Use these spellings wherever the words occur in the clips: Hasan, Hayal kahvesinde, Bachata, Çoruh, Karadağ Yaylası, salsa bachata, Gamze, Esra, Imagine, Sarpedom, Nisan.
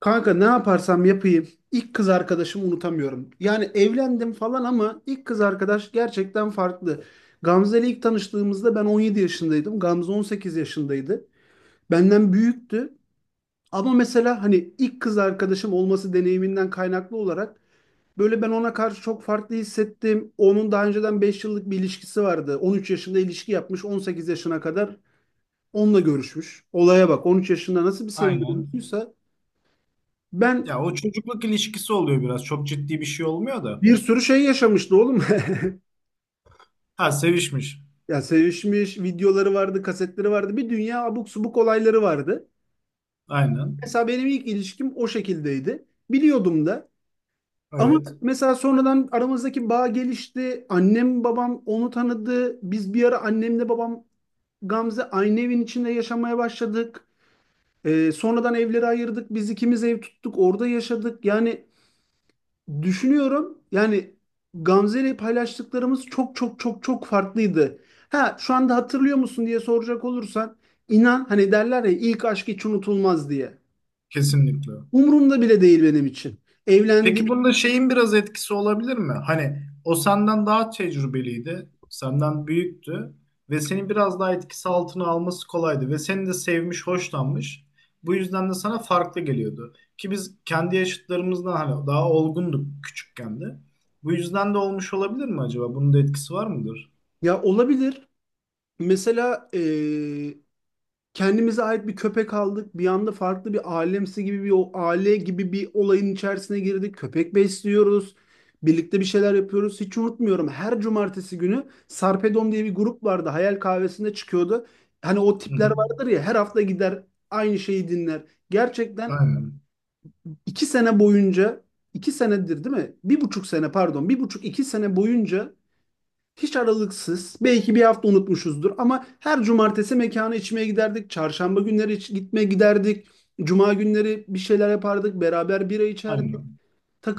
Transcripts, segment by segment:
Kanka, ne yaparsam yapayım ilk kız arkadaşımı unutamıyorum. Yani, evlendim falan ama ilk kız arkadaş gerçekten farklı. Gamze ile ilk tanıştığımızda ben 17 yaşındaydım. Gamze 18 yaşındaydı. Benden büyüktü. Ama mesela hani ilk kız arkadaşım olması deneyiminden kaynaklı olarak böyle ben ona karşı çok farklı hissettim. Onun daha önceden 5 yıllık bir ilişkisi vardı. 13 yaşında ilişki yapmış, 18 yaşına kadar onunla görüşmüş. Olaya bak, 13 yaşında nasıl bir sevgi Aynen. olduysa ben Ya o çocukluk ilişkisi oluyor biraz. Çok ciddi bir şey olmuyor da. bir sürü şey yaşamıştı oğlum. Ha, sevişmiş. Ya, sevişmiş videoları vardı, kasetleri vardı. Bir dünya abuk subuk olayları vardı. Aynen. Mesela benim ilk ilişkim o şekildeydi. Biliyordum da. Ama Evet. mesela sonradan aramızdaki bağ gelişti. Annem babam onu tanıdı. Biz bir ara annemle babam, Gamze aynı evin içinde yaşamaya başladık. Sonradan evleri ayırdık. Biz ikimiz ev tuttuk. Orada yaşadık. Yani düşünüyorum, yani Gamze ile paylaştıklarımız çok çok çok çok farklıydı. Ha, şu anda hatırlıyor musun diye soracak olursan, inan, hani derler ya ilk aşk hiç unutulmaz diye. Kesinlikle. Umurumda bile değil benim için. Evlendik, Peki bunda şeyin biraz etkisi olabilir mi? Hani o senden daha tecrübeliydi. Senden büyüktü. Ve seni biraz daha etkisi altına alması kolaydı. Ve seni de sevmiş, hoşlanmış. Bu yüzden de sana farklı geliyordu. Ki biz kendi yaşıtlarımızdan hani daha olgunduk küçükken de. Bu yüzden de olmuş olabilir mi acaba? Bunun da etkisi var mıdır? ya olabilir. Mesela kendimize ait bir köpek aldık. Bir anda farklı bir alemsi gibi, bir o aile gibi bir olayın içerisine girdik. Köpek besliyoruz. Birlikte bir şeyler yapıyoruz. Hiç unutmuyorum. Her cumartesi günü Sarpedom diye bir grup vardı. Hayal Kahvesi'nde çıkıyordu. Hani o Hı tipler hı. vardır ya, her hafta gider aynı şeyi dinler. Gerçekten Aynen. 2 sene boyunca, 2 senedir değil mi? 1,5 sene, pardon. Bir buçuk, 2 sene boyunca hiç aralıksız. Belki bir hafta unutmuşuzdur ama her cumartesi mekana içmeye giderdik. Çarşamba günleri gitmeye giderdik. Cuma günleri bir şeyler yapardık. Beraber bira içerdik. Aynen.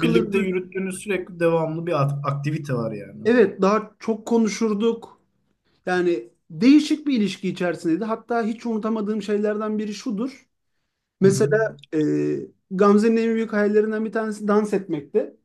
Birlikte yürüttüğünüz sürekli devamlı bir aktivite var yani. Evet, daha çok konuşurduk. Yani değişik bir ilişki içerisindeydi. Hatta hiç unutamadığım şeylerden biri şudur. Hı hı. Mesela, Gamze'nin en büyük hayallerinden bir tanesi dans etmekti.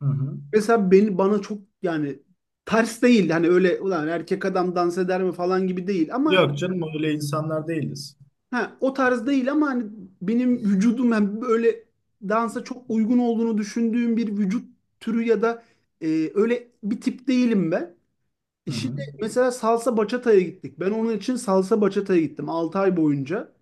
Hı hı. Mesela beni, bana çok, yani ters değil. Hani öyle "ulan erkek adam dans eder mi" falan gibi değil ama Yok canım, öyle insanlar değiliz. ha, o tarz değil ama hani benim vücudum, yani böyle dansa çok uygun olduğunu düşündüğüm bir vücut türü ya da, e, öyle bir tip değilim ben. Hı Şimdi hı. mesela salsa bachata'ya gittik. Ben onun için salsa bachata'ya gittim, 6 ay boyunca.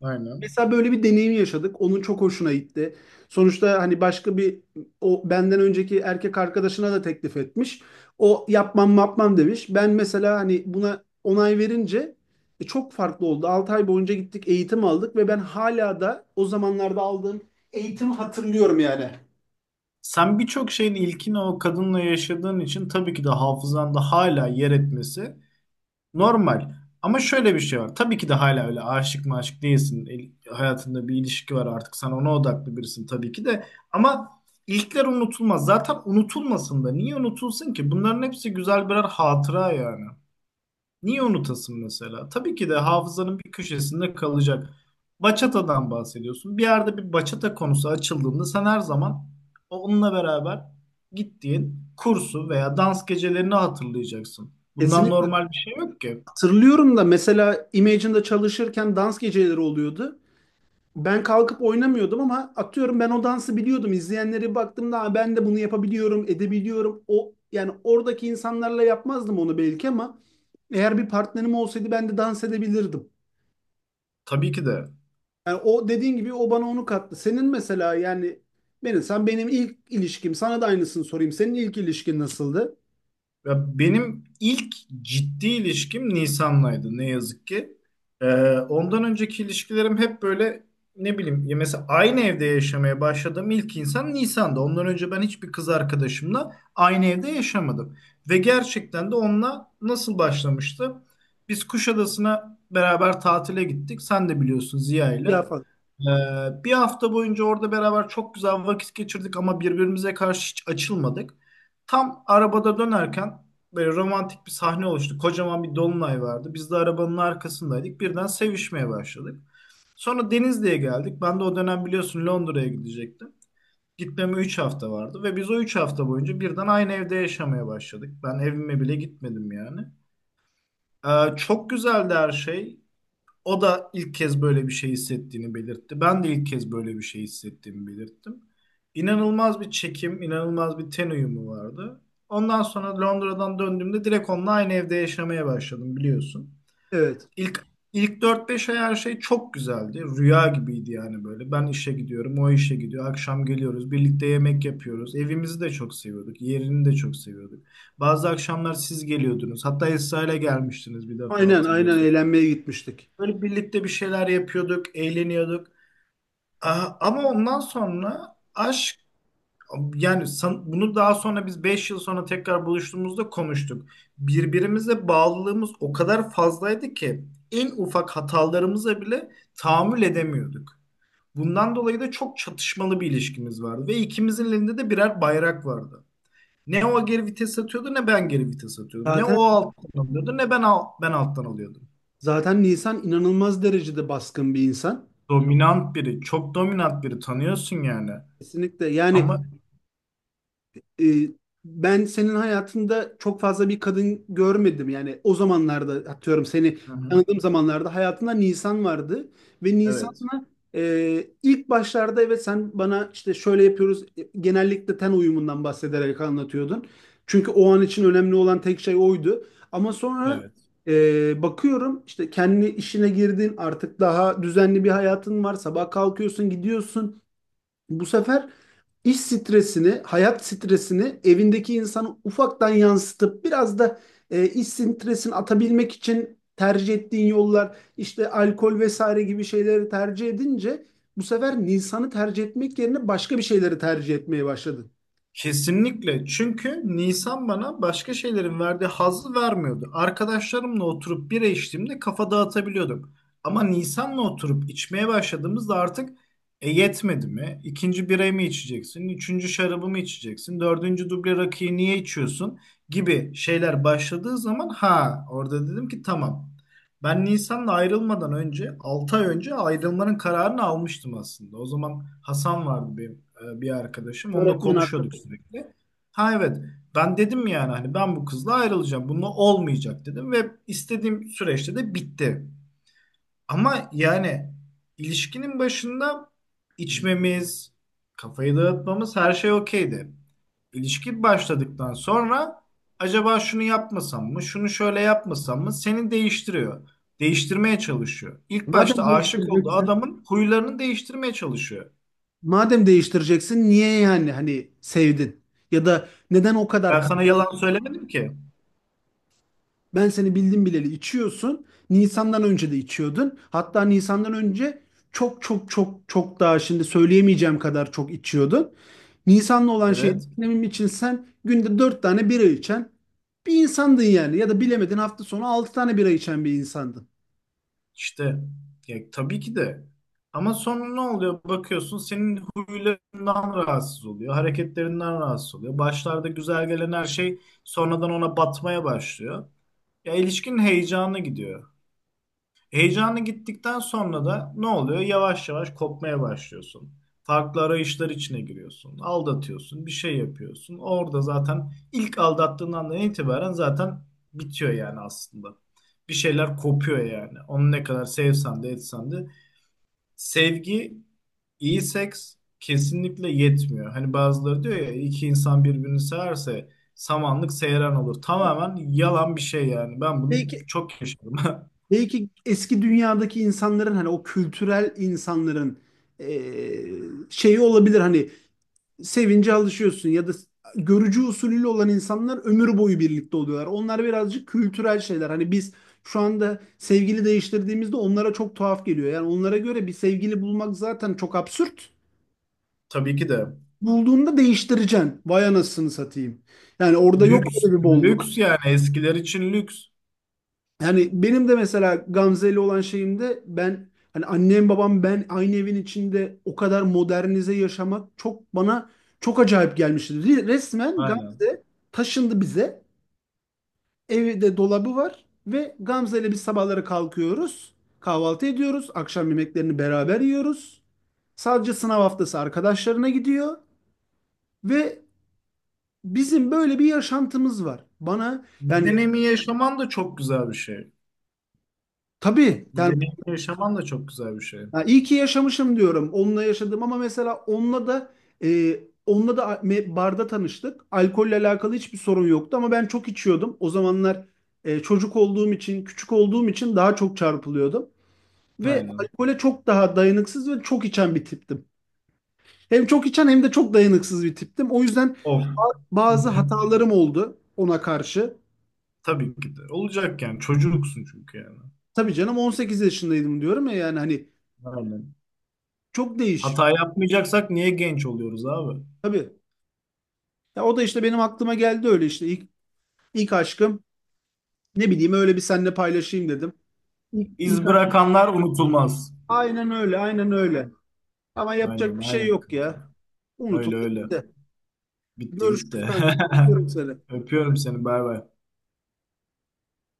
Aynen. Mesela böyle bir deneyim yaşadık. Onun çok hoşuna gitti. Sonuçta hani başka bir, o benden önceki erkek arkadaşına da teklif etmiş. O "yapmam yapmam" demiş. Ben mesela hani buna onay verince çok farklı oldu. 6 ay boyunca gittik, eğitim aldık ve ben hala da o zamanlarda aldığım eğitimi hatırlıyorum yani. Sen birçok şeyin ilkini o kadınla yaşadığın için tabii ki de hafızanda hala yer etmesi normal. Ama şöyle bir şey var. Tabii ki de hala öyle aşık maşık değilsin. Hayatında bir ilişki var artık. Sen ona odaklı birisin tabii ki de. Ama ilkler unutulmaz. Zaten unutulmasın da. Niye unutulsun ki? Bunların hepsi güzel birer hatıra yani. Niye unutasın mesela? Tabii ki de hafızanın bir köşesinde kalacak. Bachata'dan bahsediyorsun. Bir yerde bir bachata konusu açıldığında sen her zaman onunla beraber gittiğin kursu veya dans gecelerini hatırlayacaksın. Bundan Kesinlikle normal bir şey yok ki. hatırlıyorum da, mesela Imagine'da çalışırken dans geceleri oluyordu. Ben kalkıp oynamıyordum ama atıyorum, ben o dansı biliyordum. İzleyenlere baktığımda, "Aa, ben de bunu yapabiliyorum, edebiliyorum." O, yani oradaki insanlarla yapmazdım onu belki ama eğer bir partnerim olsaydı ben de dans edebilirdim. Tabii ki de. Yani o dediğin gibi, o bana onu kattı. Senin mesela, yani benim sen benim ilk ilişkim, sana da aynısını sorayım. Senin ilk ilişkin nasıldı? Ya benim ilk ciddi ilişkim Nisan'laydı ne yazık ki. Ee, Ondan önceki ilişkilerim hep böyle, ne bileyim ya, mesela aynı evde yaşamaya başladığım ilk insan Nisan'da. Ondan önce ben hiçbir kız arkadaşımla aynı evde yaşamadım. Ve gerçekten de onunla nasıl başlamıştı? Biz Kuşadası'na beraber tatile gittik. Sen de biliyorsun, Ya Ziya'yla. falan. Bir hafta boyunca orada beraber çok güzel vakit geçirdik ama birbirimize karşı hiç açılmadık. Tam arabada dönerken böyle romantik bir sahne oluştu. Kocaman bir dolunay vardı. Biz de arabanın arkasındaydık. Birden sevişmeye başladık. Sonra Denizli'ye geldik. Ben de o dönem biliyorsun Londra'ya gidecektim. Gitmeme 3 hafta vardı ve biz o 3 hafta boyunca birden aynı evde yaşamaya başladık. Ben evime bile gitmedim yani. Çok güzeldi her şey. O da ilk kez böyle bir şey hissettiğini belirtti. Ben de ilk kez böyle bir şey hissettiğimi belirttim. İnanılmaz bir çekim, inanılmaz bir ten uyumu vardı. Ondan sonra Londra'dan döndüğümde direkt onunla aynı evde yaşamaya başladım, biliyorsun. Evet. İlk ilk dört beş ay her şey çok güzeldi. Rüya gibiydi yani böyle. Ben işe gidiyorum, o işe gidiyor. Akşam geliyoruz, birlikte yemek yapıyoruz. Evimizi de çok seviyorduk, yerini de çok seviyorduk. Bazı akşamlar siz geliyordunuz. Hatta Esra ile gelmiştiniz bir defa, Aynen, aynen, hatırlıyorsun. eğlenmeye gitmiştik. Böyle birlikte bir şeyler yapıyorduk, eğleniyorduk. Ama ondan sonra aşk, yani bunu daha sonra biz 5 yıl sonra tekrar buluştuğumuzda konuştuk. Birbirimize bağlılığımız o kadar fazlaydı ki en ufak hatalarımıza bile tahammül edemiyorduk. Bundan dolayı da çok çatışmalı bir ilişkimiz vardı ve ikimizin elinde de birer bayrak vardı. Ne o geri vites atıyordu ne ben geri vites atıyordum. Ne o Zaten alttan alıyordu ne ben ben alttan alıyordum. Zaten Nisan inanılmaz derecede baskın bir insan. Dominant biri, çok dominant biri, tanıyorsun yani. Kesinlikle yani. Ama e, Ben senin hayatında çok fazla bir kadın görmedim. Yani o zamanlarda, atıyorum seni hı hı, tanıdığım zamanlarda, hayatında Nisan vardı ve evet, Nisan'la, ilk başlarda, evet, sen bana işte "şöyle yapıyoruz" genellikle ten uyumundan bahsederek anlatıyordun. Çünkü o an için önemli olan tek şey oydu. Ama sonra, evet. Bakıyorum işte kendi işine girdin, artık daha düzenli bir hayatın var. Sabah kalkıyorsun, gidiyorsun. Bu sefer iş stresini, hayat stresini evindeki insana ufaktan yansıtıp biraz da iş stresini atabilmek için tercih ettiğin yollar, işte alkol vesaire gibi şeyleri tercih edince bu sefer Nisan'ı tercih etmek yerine başka bir şeyleri tercih etmeye başladın. Kesinlikle. Çünkü Nisan bana başka şeylerin verdiği hazzı vermiyordu. Arkadaşlarımla oturup bira içtiğimde kafa dağıtabiliyordum. Ama Nisan'la oturup içmeye başladığımızda artık yetmedi mi? İkinci birayı mı içeceksin? Üçüncü şarabı mı içeceksin? Dördüncü duble rakıyı niye içiyorsun? Gibi şeyler başladığı zaman, ha, orada dedim ki tamam. Ben Nisan'la ayrılmadan önce 6 ay önce ayrılmanın kararını almıştım aslında. O zaman Hasan vardı benim, bir arkadaşım. Onunla Öğretmen konuşuyorduk arkadaş. sürekli. Ha evet, ben dedim yani hani ben bu kızla ayrılacağım. Bununla olmayacak dedim ve istediğim süreçte de bitti. Ama yani ilişkinin başında içmemiz, kafayı dağıtmamız, her şey okeydi. İlişki başladıktan sonra acaba şunu yapmasam mı, şunu şöyle yapmasam mı, seni değiştiriyor. Değiştirmeye çalışıyor. İlk başta Madem aşık olduğu değiştireceksin, adamın huylarını değiştirmeye çalışıyor. madem değiştireceksin, niye yani hani sevdin? Ya da neden o kadar Ben sana kaldın? yalan söylemedim ki. Ben seni bildim bileli içiyorsun. Nisan'dan önce de içiyordun. Hatta Nisan'dan önce çok çok çok çok daha, şimdi söyleyemeyeceğim kadar çok içiyordun. Nisan'la olan şey Evet, benim için, sen günde 4 tane bira içen bir insandın yani. Ya da bilemedin hafta sonu 6 tane bira içen bir insandın. işte ya, tabii ki de, ama sonra ne oluyor, bakıyorsun senin huylarından rahatsız oluyor, hareketlerinden rahatsız oluyor, başlarda güzel gelen her şey sonradan ona batmaya başlıyor, ya ilişkinin heyecanı gidiyor. Heyecanı gittikten sonra da ne oluyor? Yavaş yavaş kopmaya başlıyorsun. Farklı arayışlar içine giriyorsun. Aldatıyorsun, bir şey yapıyorsun. Orada zaten ilk aldattığın andan itibaren zaten bitiyor yani aslında. Bir şeyler kopuyor yani. Onu ne kadar sevsen de etsen de. Sevgi, iyi seks kesinlikle yetmiyor. Hani bazıları diyor ya, iki insan birbirini severse samanlık seyran olur. Tamamen yalan bir şey yani. Ben bunu Belki çok yaşadım. belki eski dünyadaki insanların, hani o kültürel insanların eee, şeyi olabilir hani, sevince alışıyorsun, ya da görücü usulüyle olan insanlar ömür boyu birlikte oluyorlar. Onlar birazcık kültürel şeyler. Hani biz şu anda sevgili değiştirdiğimizde onlara çok tuhaf geliyor. Yani onlara göre bir sevgili bulmak zaten çok absürt. Tabii ki de. Bulduğunda değiştireceksin. Vay anasını satayım. Yani orada yok Lüks, öyle bir bolluk. lüks yani, eskiler için lüks. Yani benim de mesela Gamze ile olan şeyimde, ben hani annem babam ben aynı evin içinde o kadar modernize yaşamak çok bana çok acayip gelmişti. Resmen Aynen. Gamze taşındı bize. Evde dolabı var ve Gamze ile biz sabahları kalkıyoruz. Kahvaltı ediyoruz. Akşam yemeklerini beraber yiyoruz. Sadece sınav haftası arkadaşlarına gidiyor ve bizim böyle bir yaşantımız var. Bana Bu yani, deneyimi yaşaman da çok güzel bir şey. tabii Bu yani, deneyimi yaşaman da çok güzel bir şey. ya iyi ki yaşamışım diyorum. Onunla yaşadım ama mesela onunla da, e, onunla da barda tanıştık. Alkolle alakalı hiçbir sorun yoktu ama ben çok içiyordum. O zamanlar çocuk olduğum için, küçük olduğum için daha çok çarpılıyordum. Ve Aynen. alkole çok daha dayanıksız ve çok içen bir tiptim. Hem çok içen, hem de çok dayanıksız bir tiptim. O yüzden Of. Bazı hatalarım oldu ona karşı. Tabii ki de. Olacak yani. Çocuksun çünkü yani. Tabii canım, 18 yaşındaydım, diyorum ya yani hani Aynen. çok değişik. Hata yapmayacaksak niye genç oluyoruz abi? Tabii. Ya, o da işte benim aklıma geldi, öyle işte ilk aşkım, ne bileyim, öyle bir seninle paylaşayım dedim. İlk İz aşkım. bırakanlar unutulmaz. Aynen öyle, aynen öyle. Ama Aynen yapacak bir şey aynen yok kanka. ya. Öyle Unutuldu öyle. gitti. Bitti gitti. Görüşürüz kanka. Görüşürüz seni. Öpüyorum seni. Bay bay.